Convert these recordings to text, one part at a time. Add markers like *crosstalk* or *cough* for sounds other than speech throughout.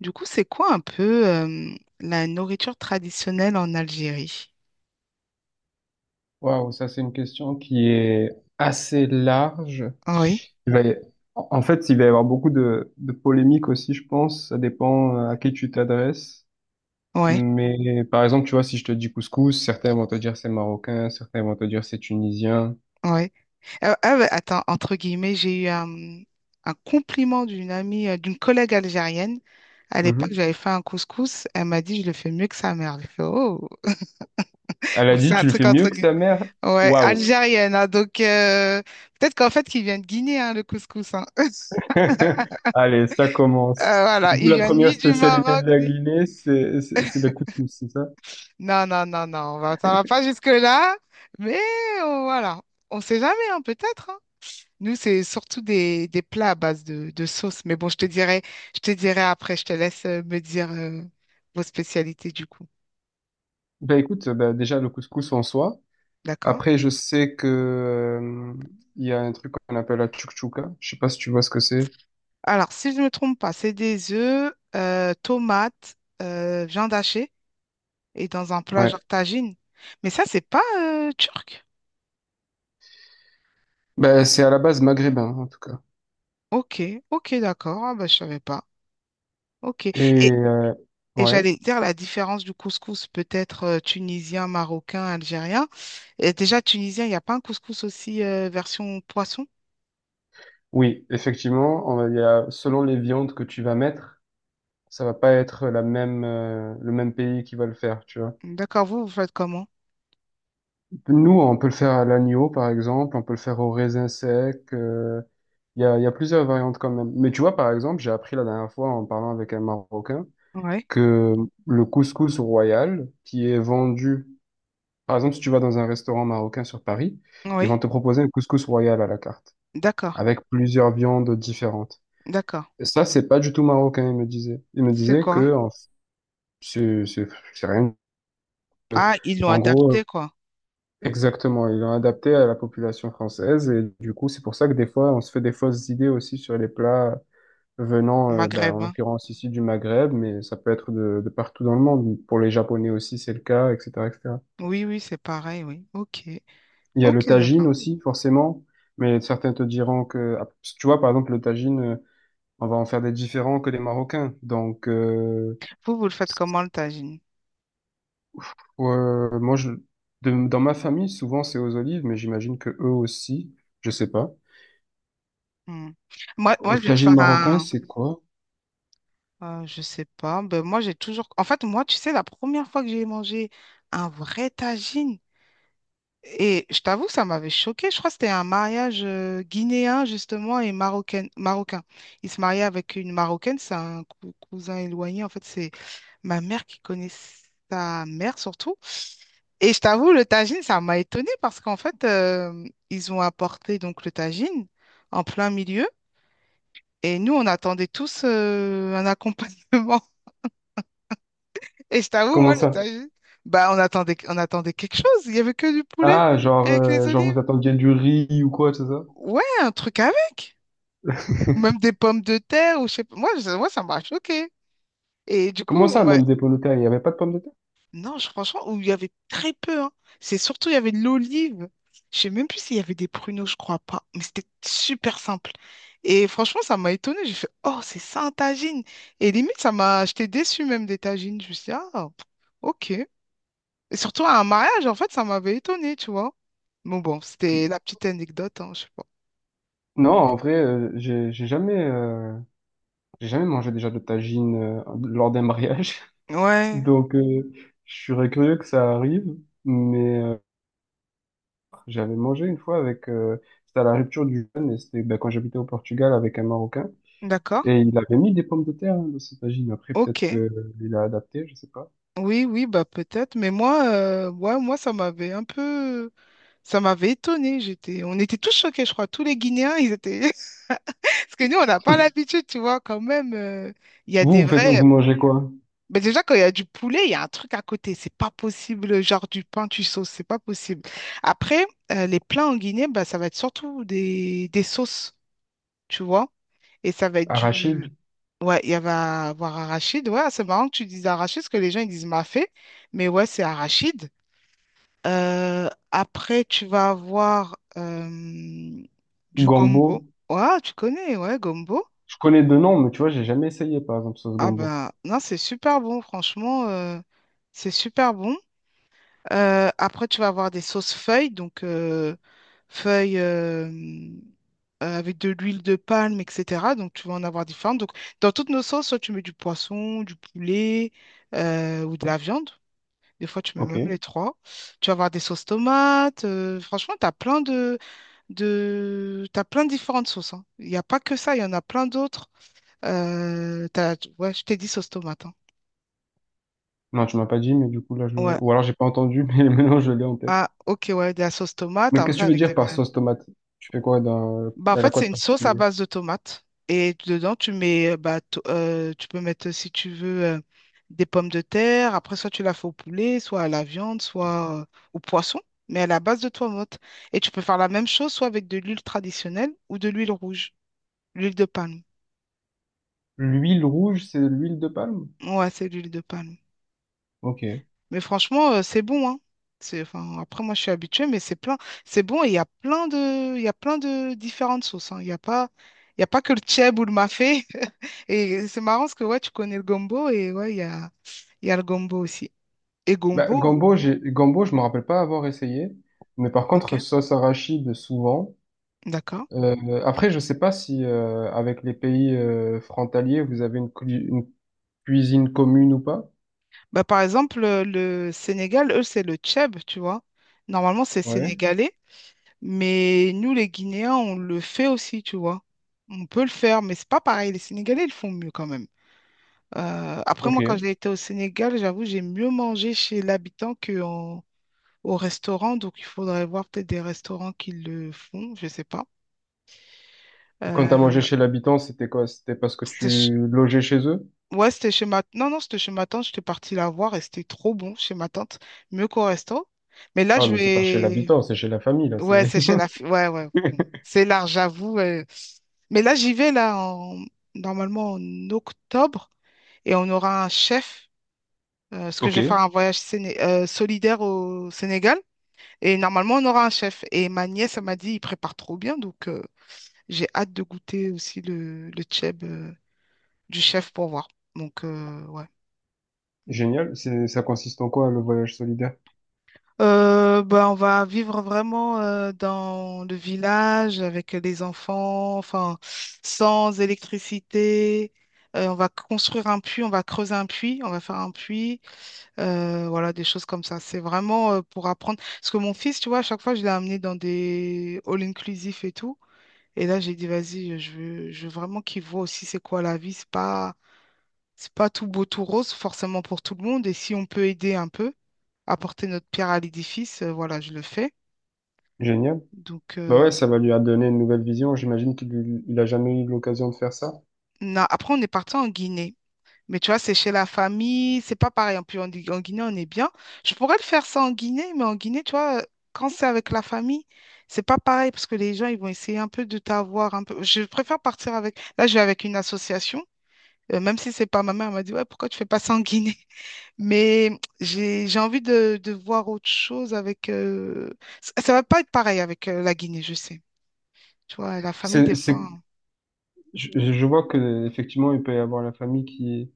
Du coup, c'est quoi un peu la nourriture traditionnelle en Algérie? Waouh, ça c'est une question qui est assez large. Oui, Il va y- En fait, il va y avoir beaucoup de polémiques aussi, je pense. Ça dépend à qui tu t'adresses. oui, Mais par exemple, tu vois, si je te dis couscous, certains vont te dire c'est marocain, certains vont te dire c'est tunisien. oui. Ah, bah, attends, entre guillemets, j'ai eu un compliment d'une amie, d'une collègue algérienne. À l'époque, Mhm. j'avais fait un couscous. Elle m'a dit, je le fais mieux que sa mère. J'ai fait, oh. Elle Bon, a c'est dit, un tu le truc fais mieux entre que guillemets. sa mère? Ouais, Waouh! algérienne, hein, donc, peut-être qu'en fait, qu'il vient de Guinée, hein, le couscous, hein. *laughs* *laughs* Allez, ça commence. Voilà, Du coup, il la vient première ni du spécialité Maroc, de la ni... Guinée, c'est le couscous, c'est ça? Non, non, non, non, ça va pas jusque-là, mais voilà, on sait jamais, hein, peut-être, hein. Nous, c'est surtout des plats à base de sauce, mais bon, je te dirai après, je te laisse me dire vos spécialités du coup, Ben écoute, ben, déjà le couscous en soi. d'accord? Après, je sais que, il y a un truc qu'on appelle la tchouktchouka. Je sais pas si tu vois ce que c'est. Alors, si je ne me trompe pas, c'est des œufs, tomates, viande hachée et dans un plat Ouais. genre tagine. Mais ça, c'est pas turc. Ben, c'est à la base maghrébin, en tout cas. Ok, ok, d'accord, ah, bah, je savais pas. Ok. Et Et, euh, Et ouais. j'allais dire la différence du couscous, peut-être tunisien, marocain, algérien. Et déjà, tunisien, il n'y a pas un couscous aussi version poisson? Oui, effectivement, il y a, selon les viandes que tu vas mettre, ça va pas être la même, le même pays qui va le faire, tu vois. D'accord, vous, vous faites comment? Nous, on peut le faire à l'agneau, par exemple. On peut le faire au raisin sec. Il y a plusieurs variantes quand même. Mais tu vois, par exemple, j'ai appris la dernière fois en parlant avec un Marocain. Oui, Que le couscous royal qui est vendu, par exemple, si tu vas dans un restaurant marocain sur Paris, ils vont oui, te proposer un couscous royal à la carte, d'accord, avec plusieurs viandes différentes. d'accord. Et ça, c'est pas du tout marocain, il me disait. Il me C'est disait quoi? que c'est c'est- c'est rien. Ah, ils l'ont En gros, adapté, quoi. exactement, ils l'ont adapté à la population française et du coup, c'est pour ça que des fois, on se fait des fausses idées aussi sur les plats venant, ben, en Maghrébin. l'occurrence ici du Maghreb, mais ça peut être de partout dans le monde. Pour les Japonais aussi, c'est le cas, etc., etc. Oui, oui, c'est pareil, oui. Ok, Il y a le ok, tagine d'accord. aussi, forcément, mais certains te diront que, ah, parce que tu vois, par exemple, le tagine, on va en faire des différents que les Marocains. Donc, Vous, vous le faites comment, le tagine? Moi, je, dans ma famille, souvent, c'est aux olives, mais j'imagine que eux aussi, je sais pas. Hmm. Moi, Au moi, je vais te tagine faire marocain, un... c'est quoi? Je sais pas. Ben, moi, j'ai toujours... En fait, moi, tu sais, la première fois que j'ai mangé un vrai tagine, et je t'avoue, ça m'avait choqué. Je crois que c'était un mariage guinéen, justement, et marocain, marocain. Il se mariait avec une Marocaine, c'est un cousin éloigné. En fait, c'est ma mère qui connaît sa mère, surtout. Et je t'avoue, le tagine, ça m'a étonnée parce qu'en fait, ils ont apporté donc le tagine en plein milieu. Et nous, on attendait tous un accompagnement. *laughs* Et je t'avoue, moi, Comment le ça? tagine, bah, on attendait quelque chose. Il n'y avait que du poulet Ah, genre, avec les genre olives. vous attendiez du riz ou quoi, c'est ça? Ouais, un truc avec. Ou *laughs* même des pommes de terre, ou je sais pas. Moi, ça m'a choqué. Et du coup, Comment ça, même des pommes de terre? Il n'y avait pas de pommes de terre? non, franchement, où il y avait très peu, hein. C'est surtout, il y avait de l'olive. Je sais même plus s'il y avait des pruneaux, je crois pas. Mais c'était super simple. Et franchement, ça m'a étonnée. J'ai fait, oh, c'est ça un tagine. Et limite, ça m'a. J'étais déçue même des tagines. Je me suis dit, ah, pff, ok. Et surtout à un mariage, en fait, ça m'avait étonnée, tu vois. Bon, bon, c'était la petite anecdote, hein, je sais pas. Non, en vrai, j'ai jamais, j'ai jamais mangé déjà de tagine lors d'un mariage. *laughs* Ouais, Donc, je serais curieux que ça arrive. Mais j'avais mangé une fois avec, c'était à la rupture du jeûne et c'était ben, quand j'habitais au Portugal avec un Marocain. d'accord. Et il avait mis des pommes de terre hein, dans cette tagine. Après, Ok. peut-être que il a adapté, je sais pas. Oui, oui, bah peut-être, mais moi, ouais, moi, ça m'avait étonné. On était tous choqués, je crois, tous les Guinéens, ils étaient, *laughs* parce que nous, on n'a pas l'habitude, tu vois, quand même. Il y a des Vous, vous faites, vrais, vous mangez quoi? mais déjà quand il y a du poulet, il y a un truc à côté, c'est pas possible, genre du pain, tu sauces, c'est pas possible. Après, les plats en Guinée, bah ça va être surtout des sauces, tu vois, et ça va être du, Arachide, ouais, il y va avoir arachide. Ouais, c'est marrant que tu dises arachide, parce que les gens ils disent mafé, mais ouais, c'est arachide. Après, tu vas avoir du gombo. gombo. Ouais, tu connais, ouais, gombo. Je connais deux noms, mais tu vois, j'ai jamais essayé, par exemple, sauce Ah gombo. ben, non, c'est super bon, franchement, c'est super bon. Après, tu vas avoir des sauces feuilles, donc feuilles avec de l'huile de palme, etc. Donc, tu vas en avoir différentes. Donc, dans toutes nos sauces, soit tu mets du poisson, du poulet ou de la viande. Des fois, tu mets même Ok. les trois. Tu vas avoir des sauces tomates. Franchement, tu as plein de... T'as plein de différentes sauces, hein. Il n'y a pas que ça, il y en a plein d'autres. Ouais, je t'ai dit sauce tomate, hein. Non, tu m'as pas dit, mais du coup, là, je... Ouais. Ou alors, j'ai pas entendu, *laughs* mais maintenant, je l'ai en tête. Ah, ok, ouais, de la sauce tomate, Mais qu'est-ce que après tu veux avec des dire par variantes. sauce tomate? Tu fais quoi dans... Bah, en Elle a fait, quoi c'est de une sauce à particulier? base de tomates. Et dedans, bah, tu peux mettre, si tu veux, des pommes de terre. Après, soit tu la fais au poulet, soit à la viande, soit au poisson, mais à la base de tomates. Et tu peux faire la même chose, soit avec de l'huile traditionnelle ou de l'huile rouge, l'huile de palme. L'huile rouge, c'est l'huile de palme? Ouais, c'est l'huile de palme. Ok. Mais franchement, c'est bon, hein. C'est, enfin, après, moi, je suis habituée, mais c'est plein. C'est bon et il y a plein de différentes sauces, hein. Il y a pas que le tchèb ou le mafé. *laughs* Et c'est marrant parce que ouais, tu connais le gombo et ouais, il y a le gombo aussi. Et Bah, gombo, gombo, j'ai... gombo, je me rappelle pas avoir essayé. Mais par ok, contre, sauce arachide, souvent. d'accord. Après, je sais pas si avec les pays frontaliers, vous avez une, une cuisine commune ou pas. Bah, par exemple, le Sénégal, eux, c'est le tchèb, tu vois. Normalement, c'est Ouais, sénégalais, mais nous, les Guinéens, on le fait aussi, tu vois. On peut le faire, mais c'est pas pareil. Les Sénégalais, ils le font mieux quand même. Après, ok. moi, quand Et j'ai été au Sénégal, j'avoue, j'ai mieux mangé chez l'habitant qu'au restaurant. Donc, il faudrait voir peut-être des restaurants qui le font, je sais pas. quand t'as mangé Euh, chez l'habitant, c'était quoi? C'était parce que c'était ch- tu logeais chez eux? Ouais, c'était chez ma... Non, non, c'était chez ma tante. J'étais partie la voir et c'était trop bon chez ma tante. Mieux qu'au resto. Mais là, Ah, je mais c'est pas chez vais... l'habitant, c'est chez la famille, là. Ouais, C'est... c'est chez la... fi- ouais, ouais. Bon. *laughs* C'est large, j'avoue. Mais là, j'y vais, là, normalement en octobre. Et on aura un chef, parce que je Ok, vais faire un voyage solidaire au Sénégal. Et normalement, on aura un chef. Et ma nièce, elle m'a dit, il prépare trop bien. Donc, j'ai hâte de goûter aussi le tchèb, du chef pour voir. Donc, ouais. génial. C'est, ça consiste en quoi, le voyage solidaire? Ben, on va vivre vraiment dans le village avec les enfants, enfin, sans électricité. On va construire un puits, on va creuser un puits, on va faire un puits. Voilà, des choses comme ça. C'est vraiment pour apprendre. Parce que mon fils, tu vois, à chaque fois, je l'ai amené dans des all-inclusifs et tout. Et là, j'ai dit, vas-y, je veux, vraiment qu'il voit aussi c'est quoi la vie. C'est pas tout beau, tout rose, forcément pour tout le monde. Et si on peut aider un peu, apporter notre pierre à l'édifice, voilà, je le fais. Génial. Donc, Bah ouais, ça va lui donner une nouvelle vision. J'imagine qu'il il a jamais eu l'occasion de faire ça. Après, on est parti en Guinée. Mais tu vois, c'est chez la famille, c'est pas pareil. En plus, en Guinée, on est bien. Je pourrais le faire ça en Guinée, mais en Guinée, tu vois, quand c'est avec la famille, c'est pas pareil parce que les gens, ils vont essayer un peu de t'avoir un peu. Je préfère partir avec. Là, je vais avec une association, même si c'est pas ma mère, elle m'a dit, ouais, pourquoi tu fais pas ça en Guinée? *laughs* Mais j'ai envie de voir autre chose avec. Ça, ça va pas être pareil avec la Guinée, je sais. Tu vois, la famille, des C'est, fois, c'est, hein. je vois que effectivement, il peut y avoir la famille qui...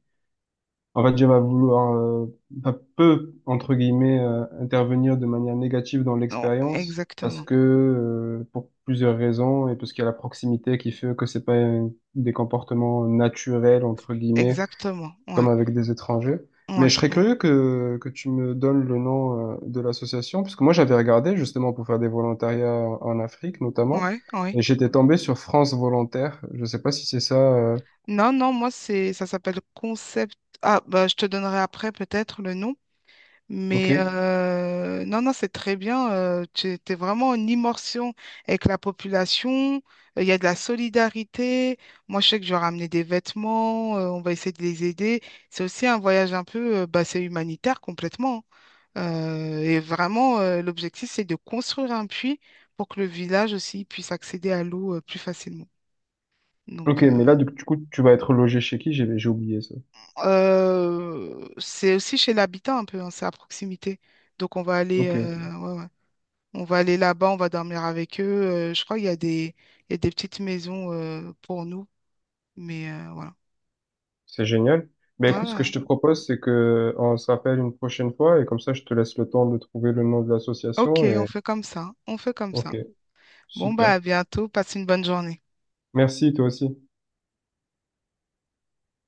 En fait, je vais vouloir, enfin, peu, entre guillemets, intervenir de manière négative dans Non, l'expérience parce exactement, que, pour plusieurs raisons et parce qu'il y a la proximité qui fait que c'est pas des comportements naturels, entre guillemets, exactement. comme Ouais, avec des étrangers. Mais je ouais, serais ouais, curieux que tu me donnes le nom, de l'association parce que moi, j'avais regardé justement pour faire des volontariats en Afrique, notamment, ouais, ouais. et j'étais tombé sur France Volontaire. Je sais pas si c'est ça, Non, non, moi, ça s'appelle Concept. Ah, bah, je te donnerai après peut-être le nom. ok? Mais non, non, c'est très bien. Tu es vraiment en immersion avec la population. Il y a de la solidarité. Moi, je sais que je vais ramener des vêtements. On va essayer de les aider. C'est aussi un voyage bah, c'est humanitaire complètement, hein. Et vraiment, l'objectif, c'est de construire un puits pour que le village aussi puisse accéder à l'eau plus facilement. Ok, Donc, mais là, du coup, tu vas être logé chez qui? J'ai oublié ça. C'est aussi chez l'habitant un peu, hein, c'est à proximité. Donc on va aller, Ok, ok. Ouais, ouais. On va aller là-bas, on va dormir avec eux. Je crois qu'il y a des petites maisons pour nous, mais voilà. C'est génial. Ben écoute, ce que je Voilà. te propose, c'est que on se rappelle une prochaine fois et comme ça, je te laisse le temps de trouver le nom de Ok, l'association on et fait comme ça. On fait comme ça. ok, Bon, bah à super. bientôt. Passe une bonne journée. Merci, toi aussi.